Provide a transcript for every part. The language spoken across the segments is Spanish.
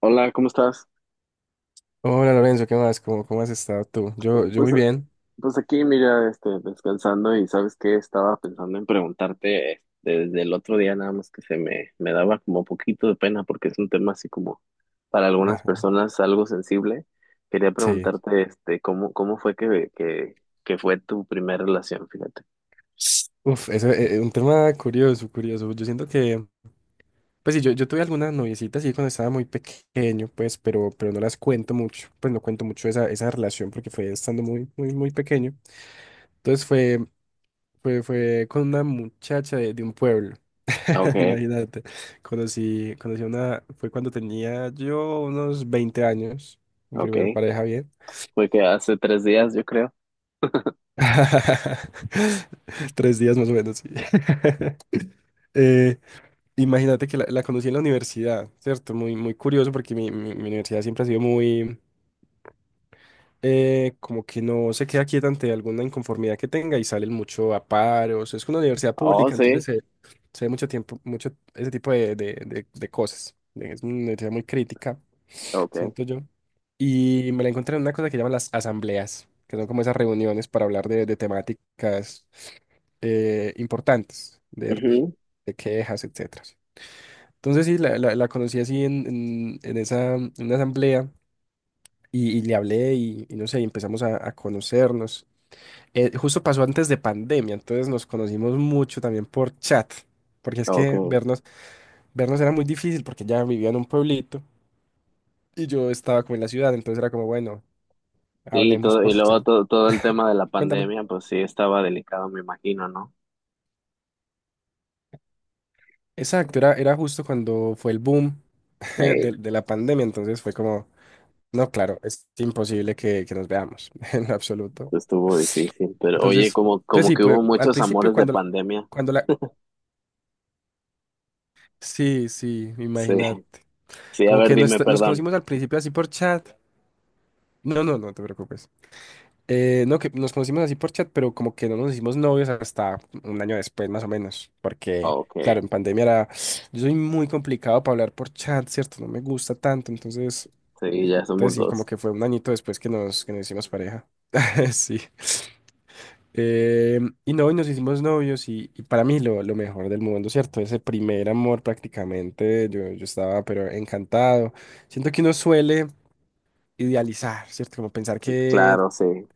Hola, ¿cómo estás? Hola Lorenzo, ¿qué más? ¿Cómo has estado tú? Yo Pues, muy bien. pues, aquí, mira, este, descansando y sabes qué, estaba pensando en preguntarte desde el otro día, nada más que se me daba como poquito de pena porque es un tema así como para algunas Ajá, personas algo sensible. Quería sí. preguntarte, este, ¿cómo fue que fue tu primera relación? Fíjate. Uf, eso es un tema curioso, curioso. Yo siento que, pues sí, yo tuve algunas noviecitas sí cuando estaba muy pequeño, pues, pero no las cuento mucho, pues no cuento mucho esa relación porque fue estando muy, muy, muy pequeño. Entonces fue con una muchacha de un pueblo, Okay, imagínate. Conocí a una, fue cuando tenía yo unos 20 años, mi primer okay. pareja bien. Fue que hace 3 días, yo creo. 3 días más o menos, sí. Eh, Imagínate que la conocí en la universidad, ¿cierto? Muy, muy curioso porque mi universidad siempre ha sido muy, como que no se queda quieta ante alguna inconformidad que tenga y salen mucho a paros. Es una universidad Oh, pública, entonces sí. se ve mucho tiempo, mucho ese tipo de cosas. Es una universidad muy crítica Okay. siento yo. Y me la encontré en una cosa que llaman las asambleas, que son como esas reuniones para hablar de temáticas importantes, de quejas, etcétera. Entonces sí, la conocí así en esa, en una asamblea y le hablé y no sé, y empezamos a conocernos. Justo pasó antes de pandemia, entonces nos conocimos mucho también por chat, porque es que Mhm. vernos era muy difícil porque ella vivía en un pueblito y yo estaba como en la ciudad, entonces era como, bueno, Sí, hablemos todo, y por luego chat. todo el tema de la Cuéntame. pandemia, pues sí estaba delicado, me imagino, ¿no? Exacto, era justo cuando fue el boom de, Eh, de la pandemia, entonces fue como, no, claro, es imposible que nos veamos en absoluto. estuvo difícil, pero oye, Entonces, como, entonces como sí, que hubo pues al muchos principio amores de pandemia. cuando la. Sí, sí, Sí, imagínate. sí, a Como ver, que nos, dime, nos perdón. conocimos al principio así por chat. No, no, no te preocupes. No, que nos conocimos así por chat, pero como que no nos hicimos novios hasta un año después, más o menos. Porque, Ok, claro, en pandemia era. Yo soy muy complicado para hablar por chat, ¿cierto? No me gusta tanto. Entonces, sí, ya entonces somos sí, como dos. que fue un añito después que nos hicimos pareja. Sí. Eh, y no, y nos hicimos novios. Y para mí, lo mejor del mundo, ¿cierto? Ese primer amor prácticamente. Yo estaba, pero encantado. Siento que uno suele idealizar, ¿cierto? Como pensar que Claro, sí.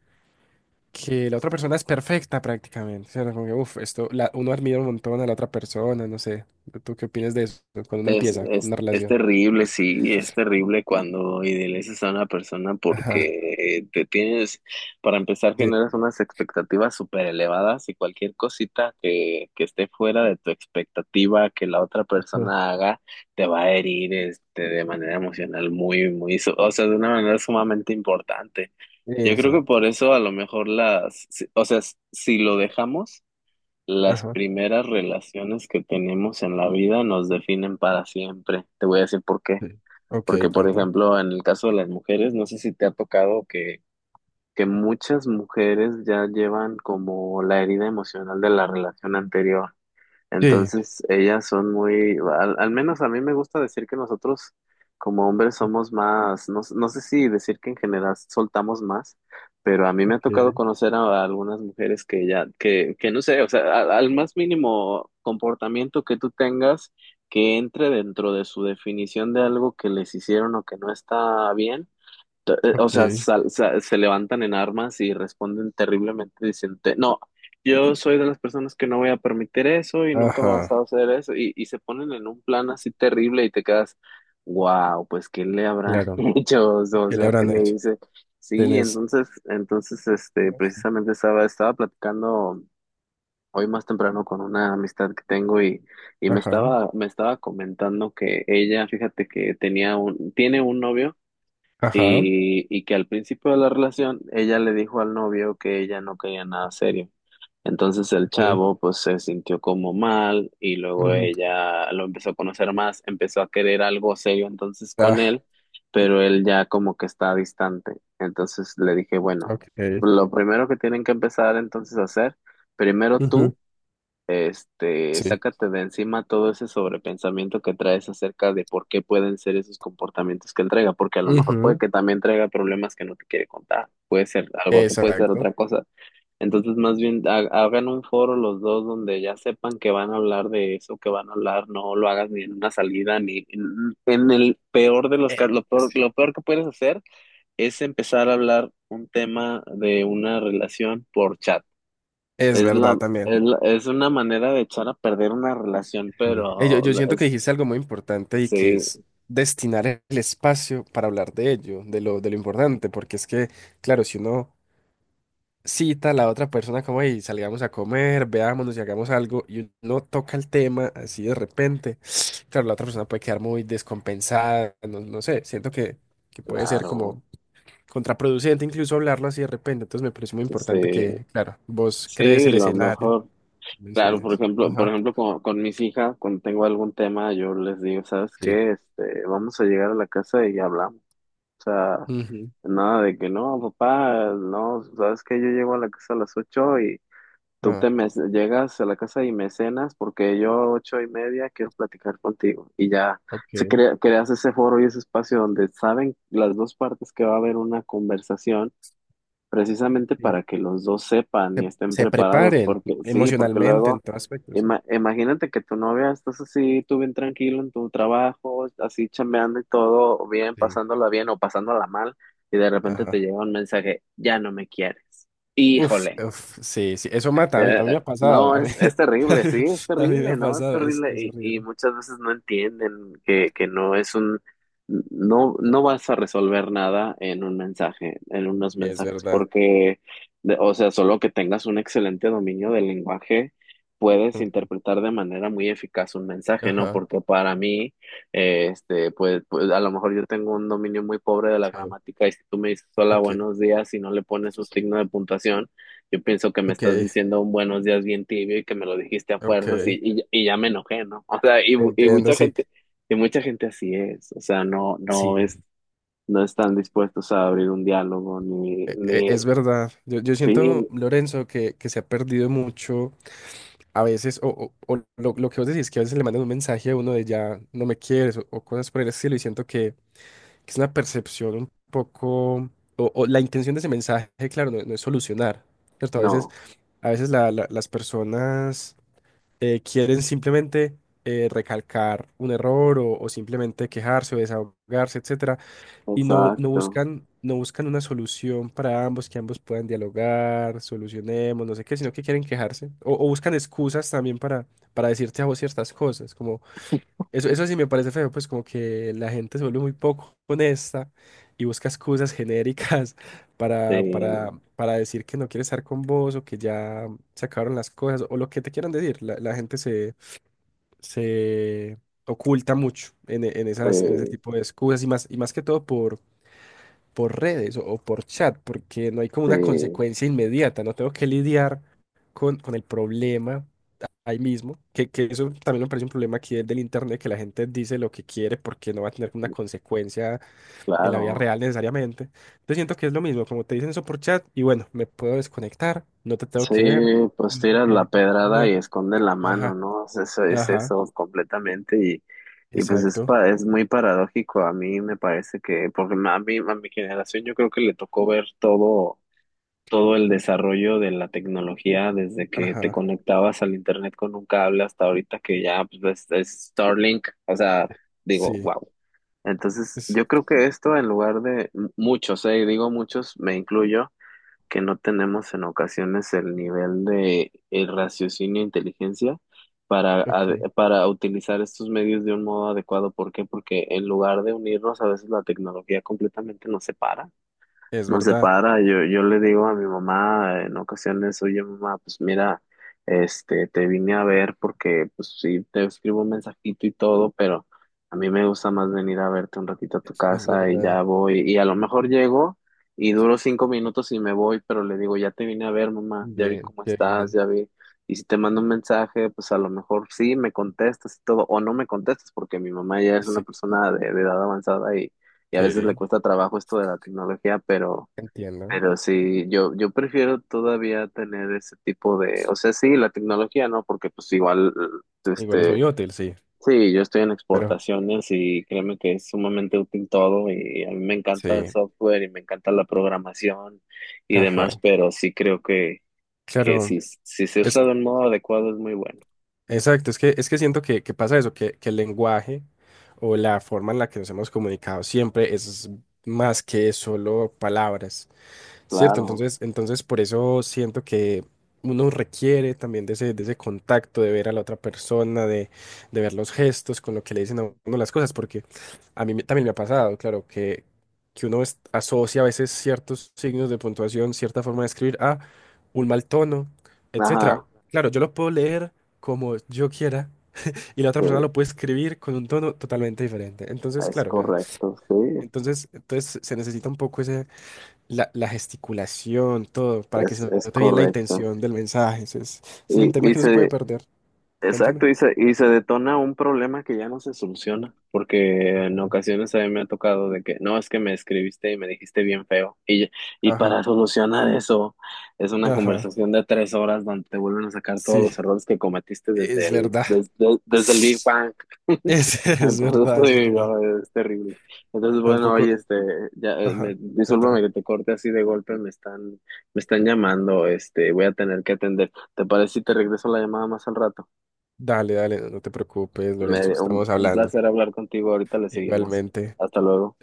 que la otra persona es perfecta prácticamente. O sea, no, como que, esto, la, uno admira un montón a la otra persona, no sé. ¿Tú qué opinas de eso cuando uno Es, empieza es, una es relación? terrible, sí, es terrible cuando idealizas a una persona Ajá. porque te tienes, para empezar, Sí. generas unas expectativas súper elevadas y cualquier cosita que esté fuera de tu expectativa que la otra Ah, persona haga te va a herir este, de manera emocional muy, muy, o sea, de una manera sumamente importante. Yo creo que exacto. por eso a lo mejor las, si- o sea, si lo dejamos las Ajá. primeras relaciones que tenemos en la vida nos definen para siempre. Te voy a decir por qué. Sí. Ok, Porque, por cuenta. ejemplo, en el caso de las mujeres, no sé si te ha tocado que muchas mujeres ya llevan como la herida emocional de la relación anterior. Sí. Entonces, ellas son muy, al menos a mí me gusta decir que nosotros como hombres somos más, no sé si decir que en general soltamos más, pero a mí me ha tocado Ok, conocer a algunas mujeres que ya, que no sé, o sea, al más mínimo comportamiento que tú tengas que entre dentro de su definición de algo que les hicieron o que no está bien O sea, ok. Se levantan en armas y responden terriblemente. Dicen, "No, yo soy de las personas que no voy a permitir eso y nunca me vas Ajá. a hacer eso. Y se ponen en un plan así terrible y te quedas, wow, pues ¿qué le habrán Claro. hecho? O ¿Qué le sea, ¿qué habrán le hecho? hice? Sí, Tienes. entonces, este, precisamente estaba platicando hoy más temprano con una amistad que tengo y me Ajá. estaba, me estaba comentando que ella, fíjate que tenía un, tiene un novio Ajá. y que al principio de la relación ella le dijo al novio que ella no quería nada serio. Entonces el Ok. chavo pues se sintió como mal y luego Ujú. ella lo empezó a conocer más, empezó a querer algo serio entonces con Ah, él, pero él ya como que está distante. Entonces le dije, bueno, ok. lo primero que tienen que empezar entonces a hacer, primero tú. Ujú. Este, Sí. sácate de encima todo ese sobrepensamiento que traes acerca de por qué pueden ser esos comportamientos que él traiga, porque a lo mejor puede Ujú. que también traiga problemas que no te quiere contar, puede ser algo, te puede ser Exacto. otra cosa. Entonces, más bien, hagan un foro los dos donde ya sepan que van a hablar de eso, que van a hablar, no lo hagas ni en una salida, ni en el peor de los casos, Sí. lo peor que puedes hacer es empezar a hablar un tema de una relación por chat. Es Es la, verdad también. Es una manera de echar a perder una relación, Sí. Eh, Yo, pero yo siento que es, dijiste algo muy importante y que sí, es destinar el espacio para hablar de ello, de lo importante, porque es que, claro, si uno cita a la otra persona como, hey, salgamos a comer, veámonos y hagamos algo, y uno toca el tema así de repente, claro, la otra persona puede quedar muy descompensada, no, no sé, siento que puede ser claro, como contraproducente incluso hablarlo así de repente, entonces me parece muy importante sí, que, claro, vos crees sí, el lo escenario, mejor. Claro, por mencionas. ejemplo, por Ajá. ejemplo, con mis hijas, cuando tengo algún tema, yo les digo, ¿sabes Sí. qué? Este, vamos a llegar a la casa y hablamos. O sea, Ujú. nada de que no, papá, no, ¿sabes qué? Yo llego a la casa a las 8 y tú te Ah, me llegas a la casa y me cenas porque yo a 8:30 quiero platicar contigo y ya se ok. crea, creas ese foro y ese espacio donde saben las dos partes que va a haber una conversación precisamente Sí. para que los dos sepan y Se, estén se preparados preparen porque sí, porque emocionalmente en luego todo aspecto, sí. Imagínate que tu novia estás así, tú bien tranquilo en tu trabajo, así chambeando y todo bien, Sí. pasándola bien o pasándola mal y de repente te Ajá. llega un mensaje, ya no me quieres. Uf, Híjole. uf, sí, sí, eso mata, a mí me Eh, ha pasado, no, a mí, es terrible, sí, es a mí me terrible, ha no, es pasado, es, terrible es y horrible. muchas veces no entienden que no es un, no vas a resolver nada en un mensaje, en unos Es mensajes, verdad. porque, o sea, solo que tengas un excelente dominio del lenguaje, puedes Ujú. interpretar de manera muy eficaz un mensaje, ¿no? Ajá, Porque para mí, este, pues a lo mejor yo tengo un dominio muy pobre de la sí, gramática y si tú me dices hola, ok, buenos días y no le pones un signo de puntuación, yo pienso que me ok, estás diciendo un buenos días bien tibio y que me lo dijiste a fuerzas y, ok, y, y ya me enojé, ¿no? O sea, entiendo, sí, y mucha gente así es, o sea, no es, sí, no están dispuestos a abrir un diálogo ni, e- e- ni, es verdad. Yo sí, siento, Lorenzo, que se ha perdido mucho a veces, o lo que vos decís, que a veces le mandan un mensaje a uno de ya no me quieres, o cosas por el estilo, y siento que. Es una percepción un poco, o la intención de ese mensaje, claro, no es solucionar, ¿cierto? No, A veces las personas quieren simplemente recalcar un error o simplemente quejarse o desahogarse, etcétera, y no, no exacto, buscan, no buscan una solución para ambos, que ambos puedan dialogar, solucionemos, no sé qué, sino que quieren quejarse o buscan excusas también para decirte a vos ciertas cosas, eso sí me parece feo, pues como que la gente se vuelve muy poco honesta y busca excusas genéricas para, sí, para, para decir que no quiere estar con vos o que ya se acabaron las cosas o lo que te quieran decir. La gente se oculta mucho en esas, en ese sí, tipo de excusas y más, que todo por redes o por chat, porque no hay como sí, una consecuencia inmediata, no tengo que lidiar con el problema ahí mismo, que eso también me parece un problema aquí del internet, que la gente dice lo que quiere porque no va a tener una consecuencia en la vida claro. real necesariamente. Yo siento que es lo mismo, como te dicen eso por chat, y bueno, me puedo desconectar, no te tengo Sí, que ver, pues no tengo tiras que la decir pedrada nada. y escondes la mano, Ajá, ¿no? O sea, eso es ajá, eso completamente y pues es, exacto, es muy paradójico. A mí me parece que, porque a mí, a mi generación yo creo que le tocó ver todo el desarrollo de la tecnología desde que te ajá, conectabas al internet con un cable hasta ahorita que ya pues, es Starlink. O sea, digo, sí, wow. Entonces, es, yo creo que esto en lugar de muchos, digo muchos, me incluyo que no tenemos en ocasiones el nivel de raciocinio e inteligencia ok, para utilizar estos medios de un modo adecuado. ¿Por qué? Porque en lugar de unirnos, a veces la tecnología completamente nos separa es no se verdad, para, yo le digo a mi mamá en ocasiones, oye mamá, pues mira, este, te vine a ver porque pues sí, te escribo un mensajito y todo, pero a mí me gusta más venir a verte un ratito a tu es casa y verdad, ya voy, y a lo mejor llego y duro 5 minutos y me voy, pero le digo, ya te vine a ver mamá, ya vi bien, cómo qué estás, bien, ya vi, y si te mando un mensaje, pues a lo mejor sí, me contestas y todo, o no me contestas, porque mi mamá ya es una sí, persona de edad avanzada y a veces le que cuesta trabajo esto de la tecnología, pero... entiendo, Pero sí, yo prefiero todavía tener ese tipo de, o sea, sí, la tecnología, ¿no? Porque pues igual, igual es muy este, útil, sí, sí, yo estoy en pero exportaciones y créeme que es sumamente útil todo y a mí me encanta el sí, software y me encanta la programación y demás, ajá, pero sí creo que claro. si se Es usa de un modo adecuado es muy bueno. Exacto, es que siento que pasa eso, que el lenguaje o la forma en la que nos hemos comunicado siempre es más que solo palabras. Cierto, Claro, entonces por eso siento que uno requiere también de ese contacto, de, ver a la otra persona, de ver los gestos con lo que le dicen a uno las cosas, porque a mí también me ha pasado, claro, que uno asocia a veces ciertos signos de puntuación, cierta forma de escribir a un mal tono, etcétera. ajá, Claro, yo lo puedo leer como yo quiera y la otra sí, persona lo puede escribir con un tono totalmente diferente. Entonces, es claro, la- correcto, sí, entonces, entonces se necesita un poco la gesticulación, todo, para que es, se es note bien la correcto. intención del mensaje. Eso es un Y, tema y que no se puede se, perder. Cuéntame. exacto, y se detona un problema que ya no se soluciona, porque en ocasiones a mí me ha tocado de que, no, es que me escribiste y me dijiste bien feo, y Ajá, para solucionar eso es una ajá, conversación de 3 horas donde te vuelven a sacar todos sí, los errores que cometiste desde es el, verdad. desde, desde el Big Bang. Es, es Entonces, verdad, es sí, verdad. no, es terrible. Entonces, bueno, Tampoco, oye, este, ya, ajá, cuéntame. discúlpame que te corte así de golpe, me están llamando, este, voy a tener que atender. ¿Te parece si te regreso la llamada más al rato? Dale, dale, no, no te preocupes, Lorenzo, Me, un, estamos un hablando. placer hablar contigo. Ahorita le seguimos. Igualmente. Hasta luego.